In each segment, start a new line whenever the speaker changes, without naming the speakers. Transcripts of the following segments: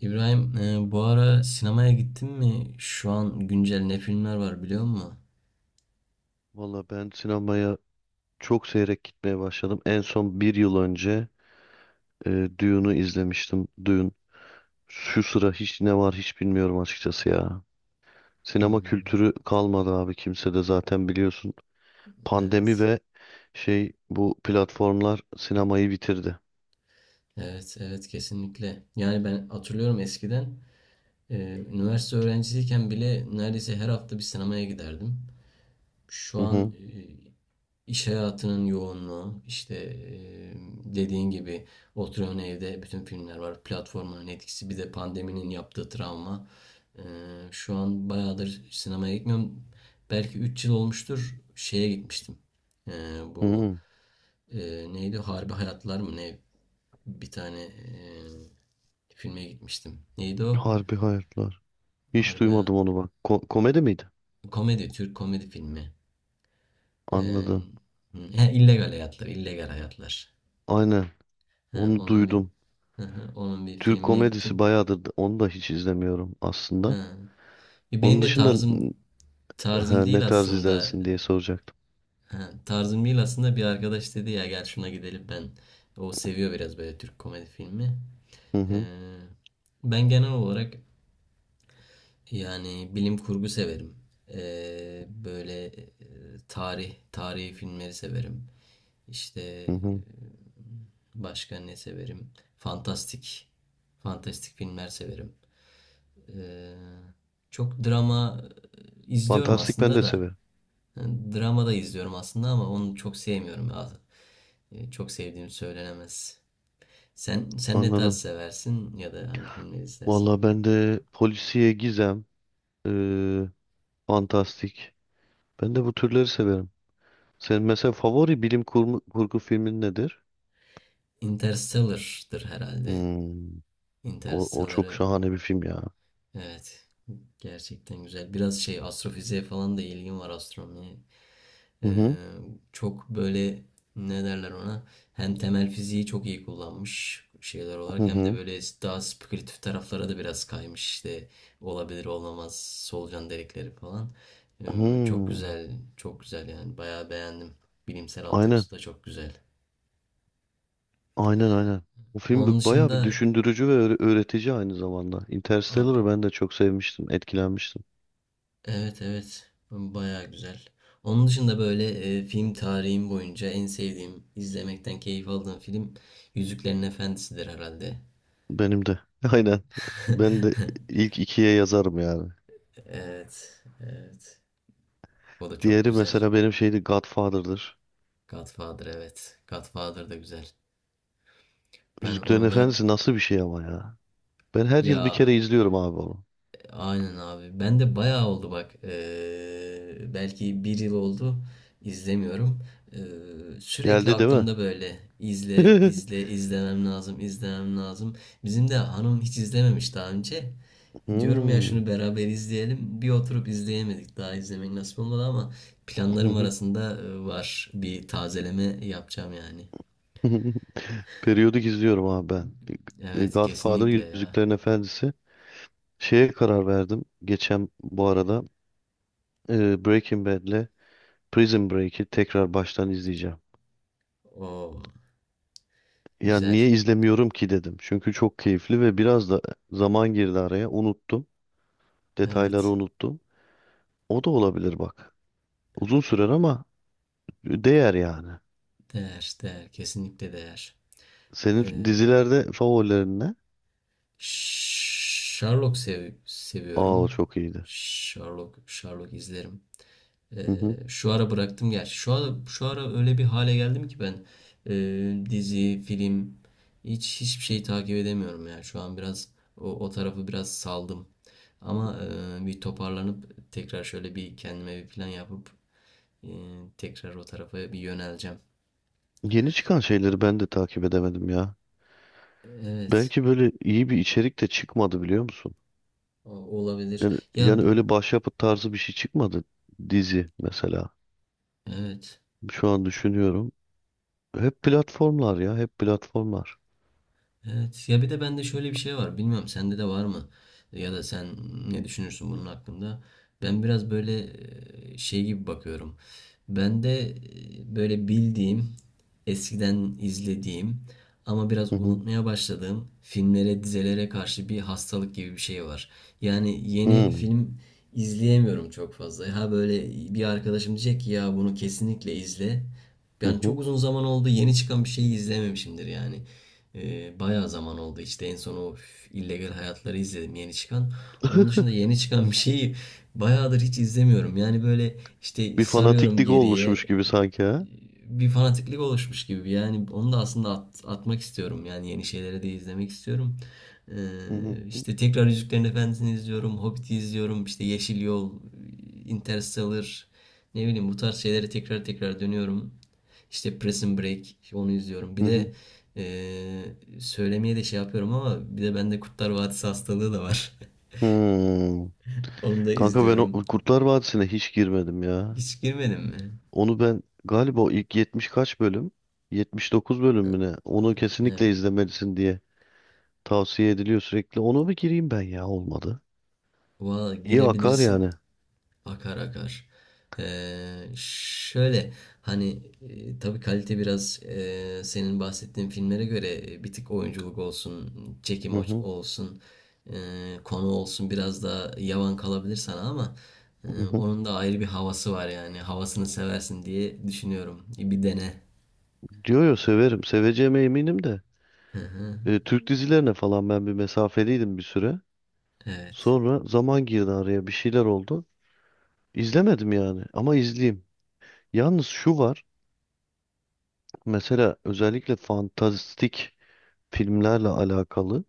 İbrahim, bu ara sinemaya gittin mi? Şu an güncel ne filmler var biliyor musun?
Valla ben sinemaya çok seyrek gitmeye başladım. En son bir yıl önce Dune'u izlemiştim. Dune. Şu sıra hiç ne var hiç bilmiyorum açıkçası ya. Sinema
Hmm,
kültürü kalmadı abi kimsede zaten biliyorsun. Pandemi
evet.
ve şey bu platformlar sinemayı bitirdi.
Evet, evet kesinlikle. Yani ben hatırlıyorum eskiden e, üniversite öğrencisiyken bile neredeyse her hafta bir sinemaya giderdim. Şu
Hı hı.
an İş hayatının yoğunluğu, işte dediğin gibi oturuyorsun evde bütün filmler var. Platformların etkisi bir de pandeminin yaptığı travma. Eee, Şu an bayağıdır sinemaya gitmiyorum. Belki 3 yıl olmuştur şeye gitmiştim. Eee,
Hı
Bu
hı.
neydi? Harbi Hayatlar mı ne? Bir tane filme gitmiştim. Neydi o?
Harbi hayatlar. Hiç
Harbi Hayat...
duymadım onu bak. Komedi miydi?
Komedi, Türk komedi filmi. Eee,
Anladım.
he, illegal Hayatlar, illegal Hayatlar.
Aynen.
He,
Onu
onun bir
duydum.
onun bir
Türk
filmine
komedisi
gittim.
bayağıdır onu da hiç izlemiyorum aslında.
He. Benim
Onun
de
dışında.
tarzım
Ha, ne
değil
tarz
aslında.
izlersin diye soracaktım.
He, tarzım değil aslında bir arkadaş dedi ya gel şuna gidelim ben. O seviyor biraz böyle Türk komedi filmi.
Hı
Ee,
hı,
Ben genel olarak yani bilim kurgu severim. Böyle tarihi filmleri severim. İşte
hı hı.
başka ne severim? Fantastik fantastik filmler severim. Ee, Çok drama izliyorum
Fantastik ben
aslında
de
da.
severim.
Yani drama da izliyorum aslında ama onu çok sevmiyorum ya. Çok sevdiğim söylenemez. Sen ne tarz
Anladım.
seversin ya da hangi filmleri izlersin?
Valla ben de polisiye gizem, eee, fantastik. Ben de bu türleri severim. Senin mesela favori bilim kurgu, kurgu filmin nedir?
Interstellar'dır herhalde.
Hmm. O çok
Interstellar'ı
şahane bir film ya.
evet gerçekten güzel. Biraz şey astrofiziğe falan da ilgim var astronomiye.
Hı hı,
Ee, Çok böyle ne derler ona hem temel fiziği çok iyi kullanmış şeyler
hı
olarak hem de
hı.
böyle daha spekülatif taraflara da biraz kaymış işte olabilir olmamaz solucan delikleri falan. Çok
Hmm.
güzel çok güzel yani bayağı beğendim. Bilimsel
Aynen,
altyapısı da çok güzel.
aynen, aynen.
Onun
Bayağı bir
dışında
düşündürücü ve öğretici aynı zamanda.
a-
Interstellar'ı ben de çok sevmiştim, etkilenmiştim.
evet evet bayağı güzel. Onun dışında böyle film tarihim boyunca en sevdiğim, izlemekten keyif aldığım film Yüzüklerin Efendisi'dir herhalde.
Benim de. Aynen. Ben de ilk ikiye yazarım yani.
Evet, evet. O da çok
Diğeri
güzel.
mesela benim şeydi Godfather'dır.
Godfather evet. Godfather da güzel. Ben
Yüzüklerin
onu da
Efendisi nasıl bir şey ama ya. Ben her yıl bir
ya
kere izliyorum abi onu.
aynen abi. Ben de bayağı oldu bak. Belki bir yıl oldu. İzlemiyorum. Sürekli
Geldi değil mi?
aklımda böyle izle izle izlemem lazım izlemem lazım. Bizim de hanım hiç izlememiş daha önce. Diyorum ya
Hmm.
şunu beraber izleyelim. Bir oturup izleyemedik. Daha izlemek nasip olmadı ama planlarım arasında var. Bir tazeleme yapacağım yani.
Periyodik izliyorum abi ben. E,
Evet
Godfather,
kesinlikle ya.
Yüzüklerin Efendisi. Şeye karar verdim. Geçen bu arada Breaking Bad'le Prison Break'i tekrar baştan izleyeceğim.
O
Ya
güzel.
niye izlemiyorum ki dedim. Çünkü çok keyifli ve biraz da zaman girdi araya. Unuttum. Detayları
Evet.
unuttum. O da olabilir bak. Uzun sürer ama değer yani.
Değer, değer. Kesinlikle değer.
Senin
Ee,
dizilerde favorilerin ne?
Sherlock
Aa o
seviyorum.
çok iyiydi.
Sherlock, Sherlock izlerim.
Hı hı.
Şu ara bıraktım gerçi. Şu ara öyle bir hale geldim ki ben dizi, film hiç hiçbir şeyi takip edemiyorum ya. Şu an biraz o tarafı biraz saldım. Ama bir toparlanıp tekrar şöyle bir kendime bir plan yapıp ee, tekrar o tarafa bir yöneleceğim.
Yeni çıkan şeyleri ben de takip edemedim ya.
Evet,
Belki böyle iyi bir içerik de çıkmadı biliyor musun?
o- olabilir.
Yani,
Ya
yani öyle başyapıt tarzı bir şey çıkmadı dizi mesela.
evet.
Şu an düşünüyorum. Hep platformlar ya, hep platformlar.
Evet ya bir de bende şöyle bir şey var. Bilmiyorum sende de var mı? Ya da sen ne düşünürsün bunun hakkında? Ben biraz böyle şey gibi bakıyorum. Ben de böyle bildiğim, eskiden izlediğim ama biraz
Hı hı.
unutmaya başladığım filmlere, dizelere karşı bir hastalık gibi bir şey var. Yani yeni
Hı
film izleyemiyorum çok fazla. Ha böyle bir arkadaşım diyecek ki ya bunu kesinlikle izle.
hı.
Yani çok
Hı.
uzun zaman oldu yeni çıkan bir şeyi izlememişimdir yani. Bayağı zaman oldu işte en son o illegal hayatları izledim yeni çıkan. Onun dışında yeni çıkan bir şeyi bayağıdır hiç izlemiyorum. Yani böyle işte
Bir
sarıyorum
fanatiklik
geriye
oluşmuş gibi sanki ha.
bir fanatiklik oluşmuş gibi. Yani onu da aslında atmak istiyorum. Yani yeni şeyleri de izlemek istiyorum. Ee,
Hı hı,
işte tekrar Yüzüklerin Efendisi'ni izliyorum. Hobbit'i izliyorum. İşte Yeşil Yol, Interstellar. Ne bileyim bu tarz şeylere tekrar tekrar dönüyorum. İşte Prison Break işte onu izliyorum. Bir
hı hı.
de ee, söylemeye de şey yapıyorum ama bir de bende Kurtlar Vadisi hastalığı da var.
Hmm.
Onu da
Kanka ben o
izliyorum.
Kurtlar Vadisi'ne hiç girmedim ya.
Hiç girmedin mi?
Onu ben galiba o ilk 70 kaç bölüm? 79 bölüm mü ne? Onu
Evet.
kesinlikle izlemelisin diye tavsiye ediliyor sürekli. Ona bir gireyim ben ya olmadı.
Valla
İyi akar
girebilirsin.
yani.
Akar akar. Şöyle hani tabii kalite biraz senin bahsettiğin filmlere göre bir tık oyunculuk olsun, çekim
Hı hı,
olsun, konu olsun biraz daha yavan kalabilir sana ama e,
hı hı.
onun da ayrı bir havası var yani. Havasını seversin diye düşünüyorum. Bir dene.
Diyor ya severim. Seveceğime eminim de.
Hı hı.
E, Türk dizilerine falan ben bir mesafeliydim bir süre.
Evet.
Sonra zaman girdi araya bir şeyler oldu. İzlemedim yani ama izleyeyim. Yalnız şu var. Mesela özellikle fantastik filmlerle alakalı.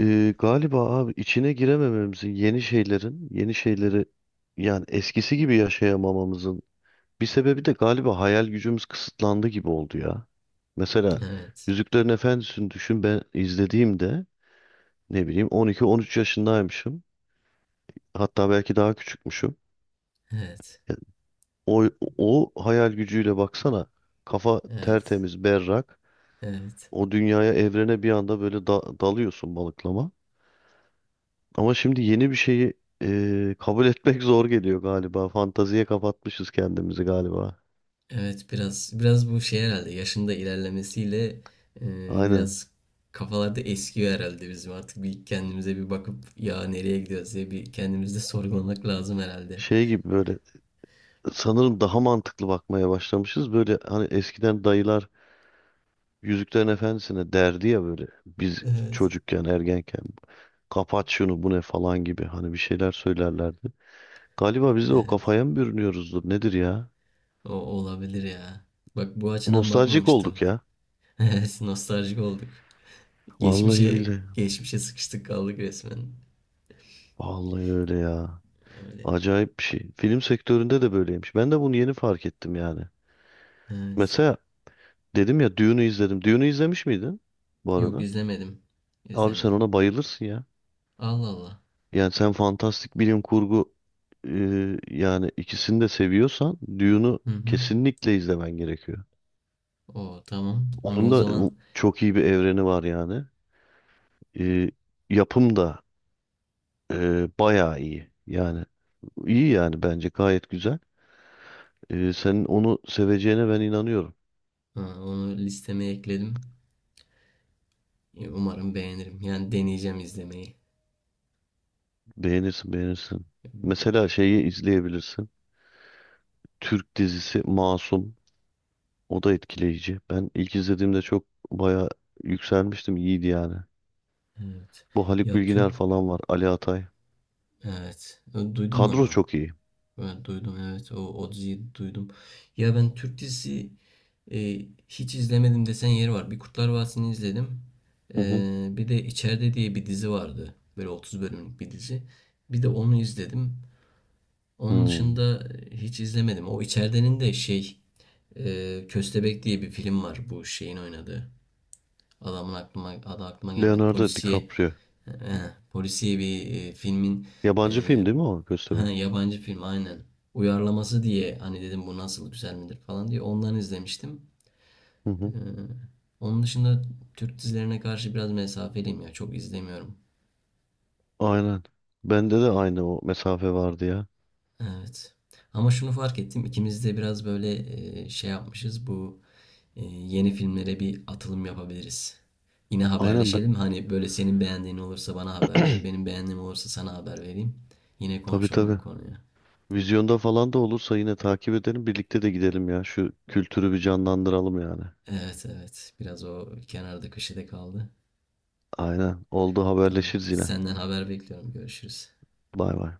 E, galiba abi içine giremememizin yeni şeylerin, yeni şeyleri yani eskisi gibi yaşayamamamızın bir sebebi de galiba hayal gücümüz kısıtlandı gibi oldu ya. Mesela
Evet.
Yüzüklerin Efendisi'ni düşün ben izlediğimde ne bileyim 12-13 yaşındaymışım. Hatta belki daha küçükmüşüm.
Evet.
Yani o, o hayal gücüyle baksana kafa
Evet.
tertemiz berrak.
Evet.
O dünyaya, evrene bir anda böyle dalıyorsun balıklama. Ama şimdi yeni bir şeyi kabul etmek zor geliyor galiba. Fantaziye kapatmışız kendimizi galiba.
Evet biraz biraz bu şey herhalde yaşında ilerlemesiyle
Aynen.
biraz kafalarda eskiyor herhalde bizim artık bir kendimize bir bakıp ya nereye gidiyoruz diye bir kendimizde sorgulamak lazım herhalde.
Şey gibi böyle sanırım daha mantıklı bakmaya başlamışız. Böyle hani eskiden dayılar Yüzüklerin Efendisi'ne derdi ya böyle biz
Evet.
çocukken, ergenken kapat şunu bu ne falan gibi hani bir şeyler söylerlerdi. Galiba biz de o
Evet.
kafaya mı bürünüyoruzdur nedir ya?
O olabilir ya. Bak bu açıdan
Nostaljik
bakmamıştım.
olduk ya.
Evet, nostaljik olduk.
Vallahi
Geçmişe
billahi.
geçmişe sıkıştık kaldık resmen.
Vallahi öyle ya.
Öyle.
Acayip bir şey. Film sektöründe de böyleymiş. Ben de bunu yeni fark ettim yani.
Evet.
Mesela dedim ya Dune'u izledim. Dune'u izlemiş miydin bu
Yok
arada?
izlemedim.
Abi sen
İzlemedim.
ona bayılırsın ya.
Allah Allah.
Yani sen fantastik bilim kurgu, e, yani ikisini de seviyorsan Dune'u
Hı hı.
kesinlikle izlemen gerekiyor.
O tamam. Onu
Onun
o
da
zaman
çok iyi bir evreni var yani. E, yapım da bayağı iyi. Yani iyi yani bence gayet güzel. E, senin onu seveceğine ben inanıyorum.
ha, onu listeme ekledim. Umarım beğenirim. Yani deneyeceğim izlemeyi.
Beğenirsin, beğenirsin. Mesela şeyi izleyebilirsin. Türk dizisi Masum. O da etkileyici. Ben ilk izlediğimde çok baya yükselmiştim. İyiydi yani.
Evet.
Bu Haluk
Ya
Bilginer
Türk
falan var. Ali Atay.
evet. Duydum
Kadro
onu.
çok iyi.
Ben duydum evet. O diziyi duydum. Ya ben Türk dizisi e, hiç izlemedim desen yeri var. Bir Kurtlar Vadisi'ni izledim.
Hı hı.
Bir de İçeride diye bir dizi vardı. Böyle 30 bölümlük bir dizi. Bir de onu izledim. Onun
Hmm.
dışında hiç izlemedim. O İçeridenin de şey Köstebek diye bir film var bu şeyin oynadığı. Adamın adı aklıma gelmedi.
Leonardo
Polisiye
DiCaprio.
polisiye bir filmin
Yabancı
e,
film değil mi o
ha,
Köstebek?
yabancı film aynen. Uyarlaması diye hani dedim bu nasıl güzel midir falan diye ondan izlemiştim.
Hı
Ee,
hı.
Onun dışında Türk dizilerine karşı biraz mesafeliyim ya çok izlemiyorum.
Aynen. Bende de aynı o mesafe vardı ya.
Evet. Ama şunu fark ettim ikimiz de biraz böyle şey yapmışız bu yeni filmlere bir atılım yapabiliriz. Yine
Aynen ben...
haberleşelim. Hani böyle senin beğendiğin olursa bana haber ver. Benim beğendiğim olursa sana haber vereyim. Yine
Tabii
konuşalım bu
tabii.
konuyu.
Vizyonda falan da olursa yine takip edelim. Birlikte de gidelim ya. Şu kültürü bir canlandıralım yani.
Evet evet. Biraz o kenarda köşede kaldı.
Aynen. Oldu
Tamam.
haberleşiriz yine.
Senden haber bekliyorum. Görüşürüz.
Bay bay.